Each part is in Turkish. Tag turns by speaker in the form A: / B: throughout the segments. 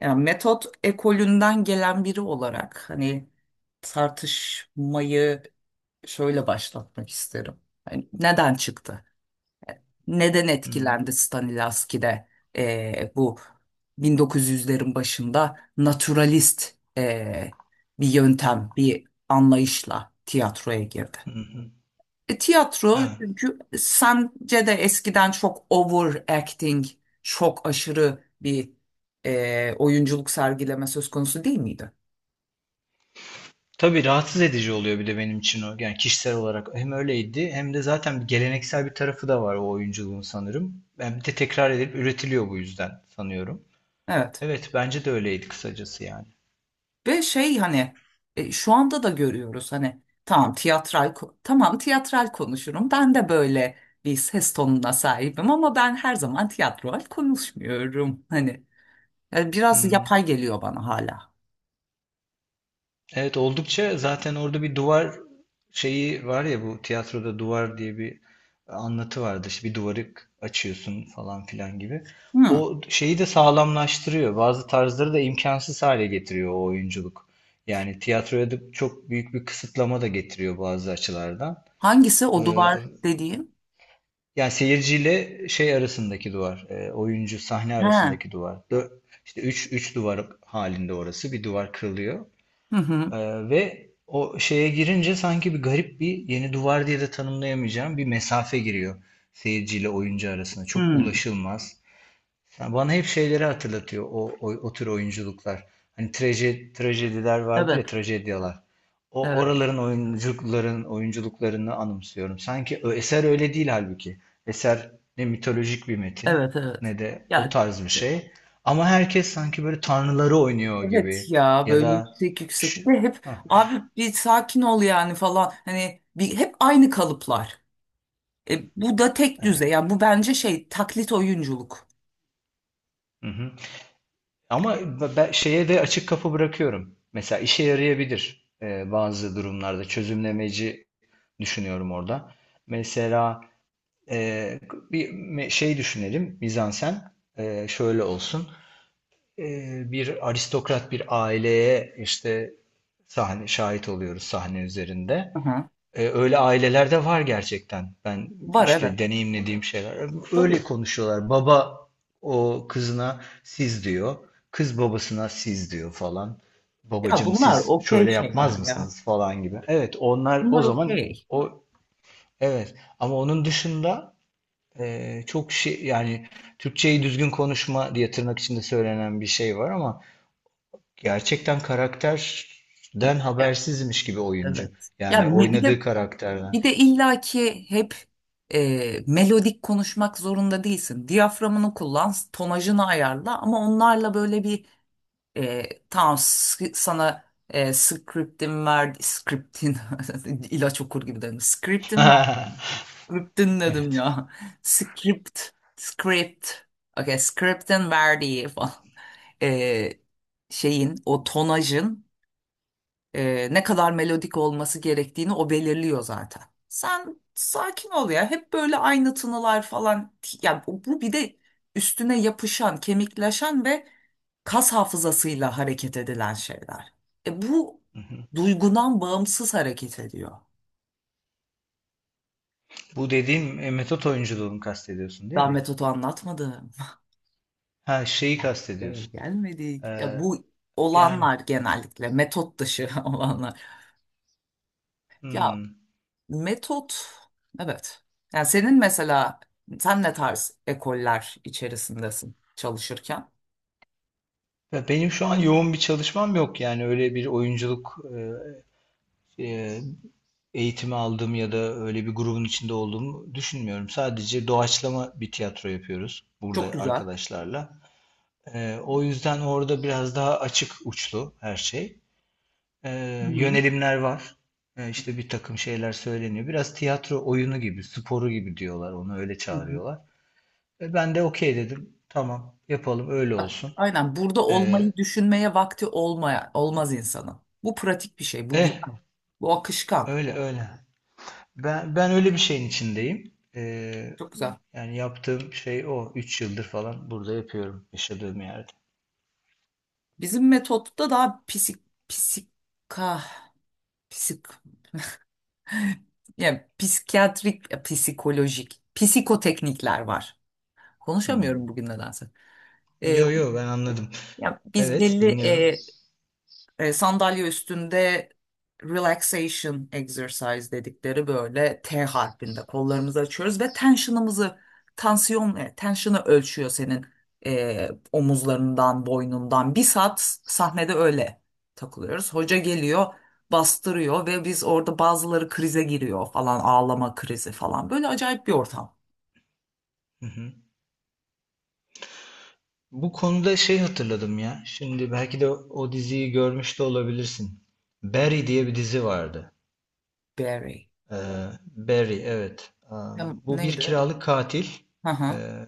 A: Yani metot ekolünden gelen biri olarak tartışmayı şöyle başlatmak isterim. Hani neden çıktı? Neden
B: Hımm.
A: etkilendi Stanislavski'de? Bu 1900'lerin başında naturalist, bir yöntem, bir anlayışla tiyatroya girdi.
B: Hı hı.
A: E, tiyatro,
B: Evet.
A: çünkü sence de eskiden çok overacting, çok aşırı bir oyunculuk sergileme söz konusu değil miydi?
B: Tabii rahatsız edici oluyor bir de benim için o. Yani kişisel olarak hem öyleydi hem de zaten bir geleneksel bir tarafı da var o oyunculuğun sanırım. Yani bir de tekrar edilip üretiliyor bu yüzden sanıyorum.
A: Evet.
B: Evet bence de öyleydi kısacası yani.
A: Ve şu anda da görüyoruz, hani tamam, tamam, tiyatral konuşurum. Ben de böyle bir ses tonuna sahibim ama ben her zaman tiyatral konuşmuyorum. Yani biraz
B: Hı.
A: yapay geliyor bana hala.
B: Evet oldukça zaten orada bir duvar şeyi var ya, bu tiyatroda duvar diye bir anlatı vardı. İşte bir duvarı açıyorsun falan filan gibi.
A: Hı.
B: O şeyi de sağlamlaştırıyor. Bazı tarzları da imkansız hale getiriyor o oyunculuk. Yani tiyatroya da çok büyük bir kısıtlama da getiriyor bazı açılardan.
A: Hangisi o
B: Ee,
A: duvar dediğim?
B: Yani seyirciyle şey arasındaki duvar, oyuncu sahne
A: He. Hı
B: arasındaki duvar. İşte üç duvar halinde orası. Bir duvar kırılıyor.
A: hı.
B: Ee, Ve o şeye girince sanki bir garip bir yeni duvar diye de tanımlayamayacağım bir mesafe giriyor seyirciyle oyuncu arasında. Çok
A: Hı.
B: ulaşılmaz. Yani bana hep şeyleri hatırlatıyor o tür oyunculuklar. Hani trajediler vardır ya,
A: Evet.
B: trajedyalar. O
A: Evet.
B: oraların oyunculuklarını anımsıyorum. Sanki eser öyle değil halbuki. Eser ne mitolojik bir metin
A: Evet, evet.
B: ne de o
A: Ya,
B: tarz bir şey. Ama herkes sanki böyle tanrıları oynuyor
A: evet,
B: gibi
A: ya
B: ya
A: böyle
B: da.
A: yüksek yüksek, bir de hep abi bir sakin ol yani falan, hani bir hep aynı kalıplar. Bu da tek düze,
B: Evet.
A: yani bu bence taklit oyunculuk.
B: Hı hı. Ama ben şeye de açık kapı bırakıyorum. Mesela işe yarayabilir bazı durumlarda. Çözümlemeci düşünüyorum orada. Mesela e, bir şey düşünelim. Mizansen şöyle olsun. E, Bir aristokrat bir aileye işte sahne şahit oluyoruz sahne üzerinde.
A: Aha.
B: Öyle aileler de var gerçekten. Ben
A: Var, evet.
B: işte deneyimlediğim şeyler. Öyle
A: Tabii.
B: konuşuyorlar. Baba o kızına siz diyor. Kız babasına siz diyor falan.
A: Ya
B: Babacım
A: bunlar
B: siz
A: okey
B: şöyle
A: şeyler
B: yapmaz
A: ya.
B: mısınız falan gibi. Evet, onlar o
A: Bunlar
B: zaman
A: okey.
B: o evet, ama onun dışında çok şey yani, Türkçeyi düzgün konuşma diye tırnak içinde söylenen bir şey var ama gerçekten karakterden
A: Ya,
B: habersizmiş gibi oyuncu.
A: evet.
B: Yani
A: Bir de
B: oynadığı
A: bir
B: karakterden.
A: de illaki hep melodik konuşmak zorunda değilsin. Diyaframını kullan, tonajını ayarla, ama onlarla böyle bir... Tamam, sana scriptin verdi, ilaç okur gibi dedim. Scriptin ver, scriptin dedim
B: Evet.
A: ya. Script, script. Okay, scriptin verdiği falan. E, Şeyin o tonajın ne kadar melodik olması gerektiğini o belirliyor zaten. Sen sakin ol ya. Hep böyle aynı tınılar falan. Ya, bu bir de üstüne yapışan, kemikleşen ve kas hafızasıyla hareket edilen şeyler. Bu
B: Hı hı.
A: duygudan bağımsız hareket ediyor.
B: Bu dediğin metot oyunculuğunu kastediyorsun değil
A: Daha
B: mi?
A: metodu anlatmadım.
B: Ha şeyi
A: Buraya
B: kastediyorsun.
A: gelmedik. Ya,
B: Ee,
A: bu
B: Yani
A: olanlar genellikle metot dışı olanlar. Ya,
B: hmm.
A: metot, evet. Yani senin mesela sen ne tarz ekoller içerisindesin çalışırken?
B: Ya benim şu an yoğun bir çalışmam yok, yani öyle bir oyunculuk e, e, eğitimi aldığım ya da öyle bir grubun içinde olduğumu düşünmüyorum. Sadece doğaçlama bir tiyatro yapıyoruz
A: Çok
B: burada
A: güzel.
B: arkadaşlarla. O yüzden orada biraz daha açık uçlu her şey. e,
A: Hı hı.
B: Yönelimler var. İşte bir takım şeyler söyleniyor. Biraz tiyatro oyunu gibi, sporu gibi diyorlar. Onu öyle
A: Hı hı.
B: çağırıyorlar. Ben de okey dedim. Tamam, yapalım öyle
A: A-
B: olsun.
A: Aynen, burada
B: E,
A: olmayı düşünmeye vakti olmaya olmaz insanın. Bu pratik bir şey, bu güzel.
B: eh,
A: Bu akışkan.
B: Öyle öyle. Ben öyle bir şeyin içindeyim.
A: Çok güzel.
B: Yani yaptığım şey o. 3 yıldır falan burada yapıyorum yaşadığım yerde.
A: Bizim metotta daha psika psik psikiyatrik, psikolojik psikoteknikler var.
B: Hmm.
A: Konuşamıyorum bugün nedense. Ee,
B: Yo yo, ben anladım.
A: Ya biz
B: Evet,
A: belli
B: dinliyorum.
A: sandalye üstünde relaxation exercise dedikleri böyle T harfinde kollarımızı açıyoruz ve tension'ımızı, tension'ı ölçüyor senin omuzlarından, boynundan. Bir saat sahnede öyle takılıyoruz, hoca geliyor, bastırıyor ve biz orada bazıları krize giriyor falan, ağlama krizi falan, böyle acayip bir ortam.
B: Hı hı. Bu konuda şey hatırladım ya. Şimdi belki de o diziyi görmüş de olabilirsin. Barry diye bir dizi vardı.
A: Berry.
B: Ee, Barry, evet.
A: Ya,
B: Bu bir
A: neydi?
B: kiralık katil.
A: Hı hı.
B: Ee,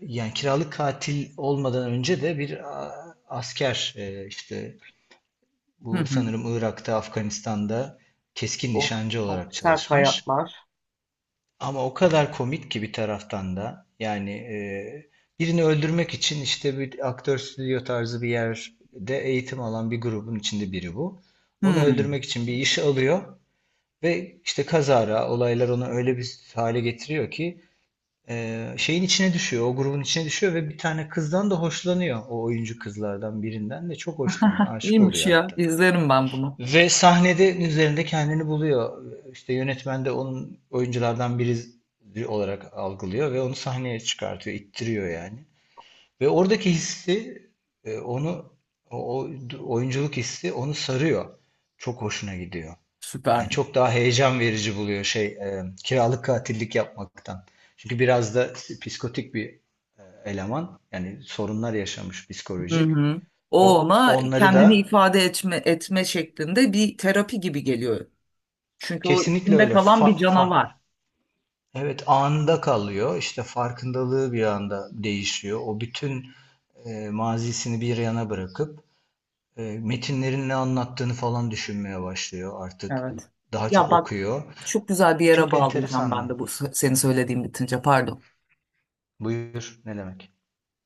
B: Yani kiralık katil olmadan önce de bir asker. İşte
A: Hı
B: bu
A: hı.
B: sanırım Irak'ta, Afganistan'da keskin
A: Of,
B: nişancı
A: çok
B: olarak
A: sert
B: çalışmış.
A: hayatlar.
B: Ama o kadar komik ki bir taraftan da, yani birini öldürmek için işte bir aktör stüdyo tarzı bir yerde eğitim alan bir grubun içinde biri bu. Onu
A: Hmm.
B: öldürmek için bir iş alıyor ve işte kazara olaylar onu öyle bir hale getiriyor ki şeyin içine düşüyor, o grubun içine düşüyor ve bir tane kızdan da hoşlanıyor. O oyuncu kızlardan birinden de çok hoşlanıyor, aşık
A: İyiymiş
B: oluyor
A: ya.
B: hatta.
A: İzlerim ben bunu.
B: Ve sahnede üzerinde kendini buluyor. İşte yönetmen de onun oyunculardan biri olarak algılıyor ve onu sahneye çıkartıyor, ittiriyor yani. Ve oradaki hissi, onu, o o- oyunculuk hissi onu sarıyor. Çok hoşuna gidiyor. Yani
A: Süper.
B: çok daha heyecan verici buluyor şey, kiralık katillik yapmaktan. Çünkü biraz da psikotik bir eleman. Yani sorunlar yaşamış
A: Hı
B: psikolojik.
A: hı. O
B: O
A: ona
B: onları
A: kendini
B: da
A: ifade etme şeklinde bir terapi gibi geliyor. Çünkü o
B: kesinlikle
A: içinde
B: öyle
A: kalan bir canavar.
B: evet, anında kalıyor. İşte farkındalığı bir anda değişiyor. O bütün mazisini bir yana bırakıp metinlerin ne anlattığını falan düşünmeye başlıyor artık.
A: Evet.
B: Daha çok
A: Ya bak,
B: okuyor.
A: çok güzel bir yere
B: Çok
A: bağlayacağım
B: enteresandı.
A: ben de bu senin söylediğin bitince, pardon.
B: Buyur ne demek?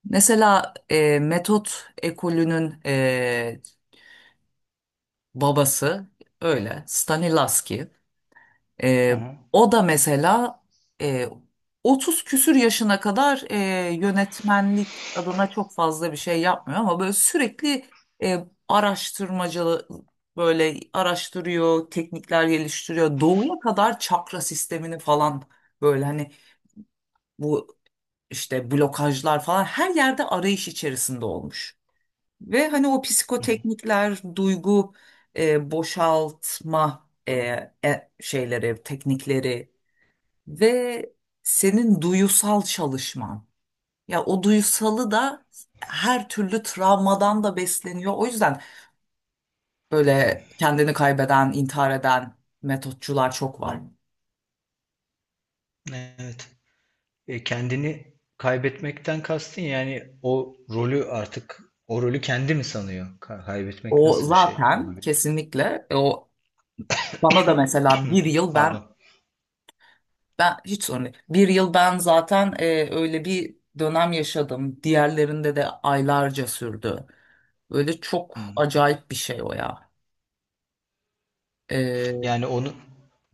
A: Mesela metot ekolünün babası öyle Stanislavski.
B: Hı
A: Ee,
B: hı.
A: O da mesela e, 30 küsür yaşına kadar yönetmenlik adına çok fazla bir şey yapmıyor, ama böyle sürekli araştırmacı, böyle araştırıyor, teknikler geliştiriyor. Doğuya kadar çakra sistemini falan, böyle hani bu işte blokajlar falan, her yerde arayış içerisinde olmuş. Ve hani o psikoteknikler, duygu boşaltma şeyleri, teknikleri ve senin duyusal çalışman. Ya o duyusalı da her türlü travmadan da besleniyor. O yüzden böyle kendini kaybeden, intihar eden metotçular çok var.
B: Evet. Kendini kaybetmekten kastın yani o rolü artık, o rolü kendi mi sanıyor? Kaybetmek
A: O
B: nasıl bir şey
A: zaten
B: olabilir?
A: kesinlikle o bana da mesela bir yıl ben,
B: Pardon.
A: hiç sorun değil. Bir yıl ben zaten öyle bir dönem yaşadım. Diğerlerinde de aylarca sürdü. Öyle çok
B: Hı.
A: acayip bir şey o ya. E,
B: Yani onu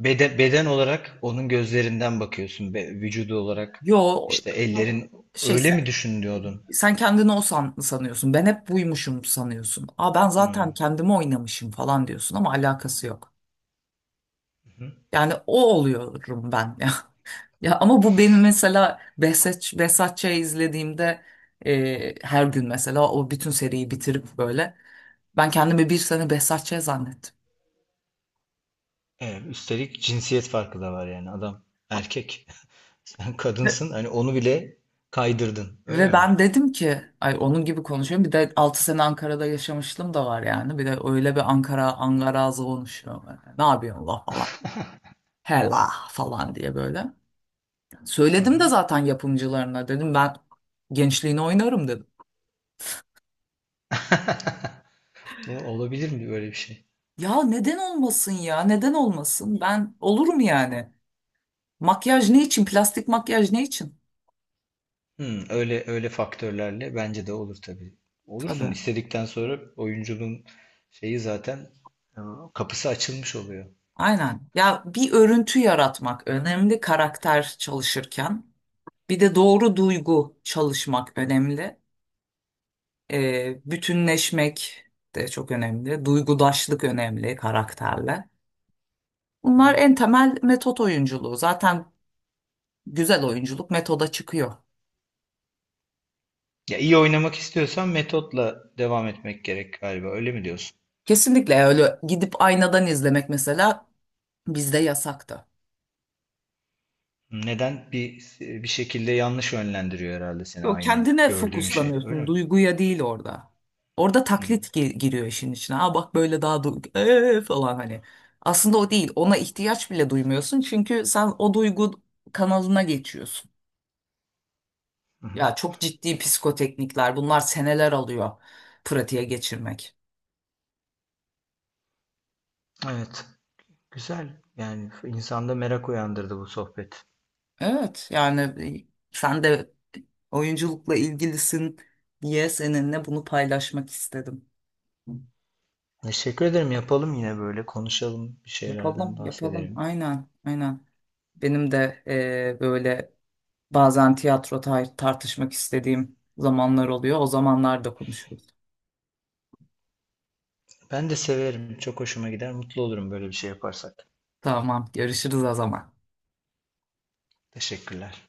B: beden olarak onun gözlerinden bakıyorsun. Vücudu olarak
A: yo
B: işte, evet, ellerin,
A: şey
B: öyle mi düşünüyordun?
A: Sen kendini o sanıyorsun. Ben hep buymuşum sanıyorsun. Aa, ben zaten
B: Hmm.
A: kendimi oynamışım falan diyorsun, ama alakası yok.
B: Hı.
A: Yani o oluyorum ben ya. Ya ama bu benim mesela Behzat Ç'yi izlediğimde her gün, mesela o bütün seriyi bitirip böyle ben kendimi bir sene Behzat Ç. zannettim.
B: Evet, üstelik cinsiyet farkı da var, yani adam erkek. Sen
A: Ve,
B: kadınsın, hani onu bile kaydırdın öyle
A: Ve
B: mi?
A: ben dedim ki, ay onun gibi konuşuyorum. Bir de 6 sene Ankara'da yaşamışlığım da var yani. Bir de öyle bir Ankara Angarazı konuşuyorum böyle. Ne yapıyorsun la falan. Hela falan diye böyle.
B: Hı
A: Söyledim de
B: hı.
A: zaten yapımcılarına, dedim ben gençliğini oynarım dedim.
B: Bu olabilir mi böyle bir şey?
A: Ya neden olmasın, ya neden olmasın ben, olur mu yani? Makyaj ne için, plastik makyaj ne için?
B: Hmm, öyle öyle faktörlerle bence de olur tabii. Olursun,
A: Tabii,
B: istedikten sonra oyunculuğun şeyi zaten, e, kapısı açılmış oluyor.
A: aynen ya, bir örüntü yaratmak önemli karakter çalışırken, bir de doğru duygu çalışmak önemli. Bütünleşmek de çok önemli, duygudaşlık önemli karakterle. Bunlar en temel metot oyunculuğu zaten, güzel oyunculuk metoda çıkıyor.
B: Ya iyi oynamak istiyorsan metotla devam etmek gerek galiba. Öyle mi diyorsun?
A: Kesinlikle öyle. Gidip aynadan izlemek mesela bizde yasaktı.
B: Neden? Bir şekilde yanlış yönlendiriyor herhalde seni,
A: Yok,
B: aynı
A: kendine
B: gördüğün şey. Öyle
A: fokuslanıyorsun,
B: mi?
A: duyguya değil orada. Orada taklit
B: Hmm.
A: giriyor işin içine. Aa bak, böyle daha duygu falan hani. Aslında o değil. Ona ihtiyaç bile duymuyorsun çünkü sen o duygu kanalına geçiyorsun.
B: Hı hı.
A: Ya çok ciddi psikoteknikler. Bunlar seneler alıyor pratiğe geçirmek.
B: Evet. Güzel. Yani insanda merak uyandırdı bu sohbet.
A: Evet yani, sen de oyunculukla ilgilisin diye seninle bunu paylaşmak istedim.
B: Teşekkür ederim. Yapalım yine böyle. Konuşalım. Bir
A: Yapalım,
B: şeylerden
A: yapalım.
B: bahsedelim.
A: Aynen, aynen. Benim de böyle bazen tartışmak istediğim zamanlar oluyor. O zamanlar da konuşuruz.
B: Ben de severim. Çok hoşuma gider. Mutlu olurum böyle bir şey yaparsak.
A: Tamam, görüşürüz o zaman.
B: Teşekkürler.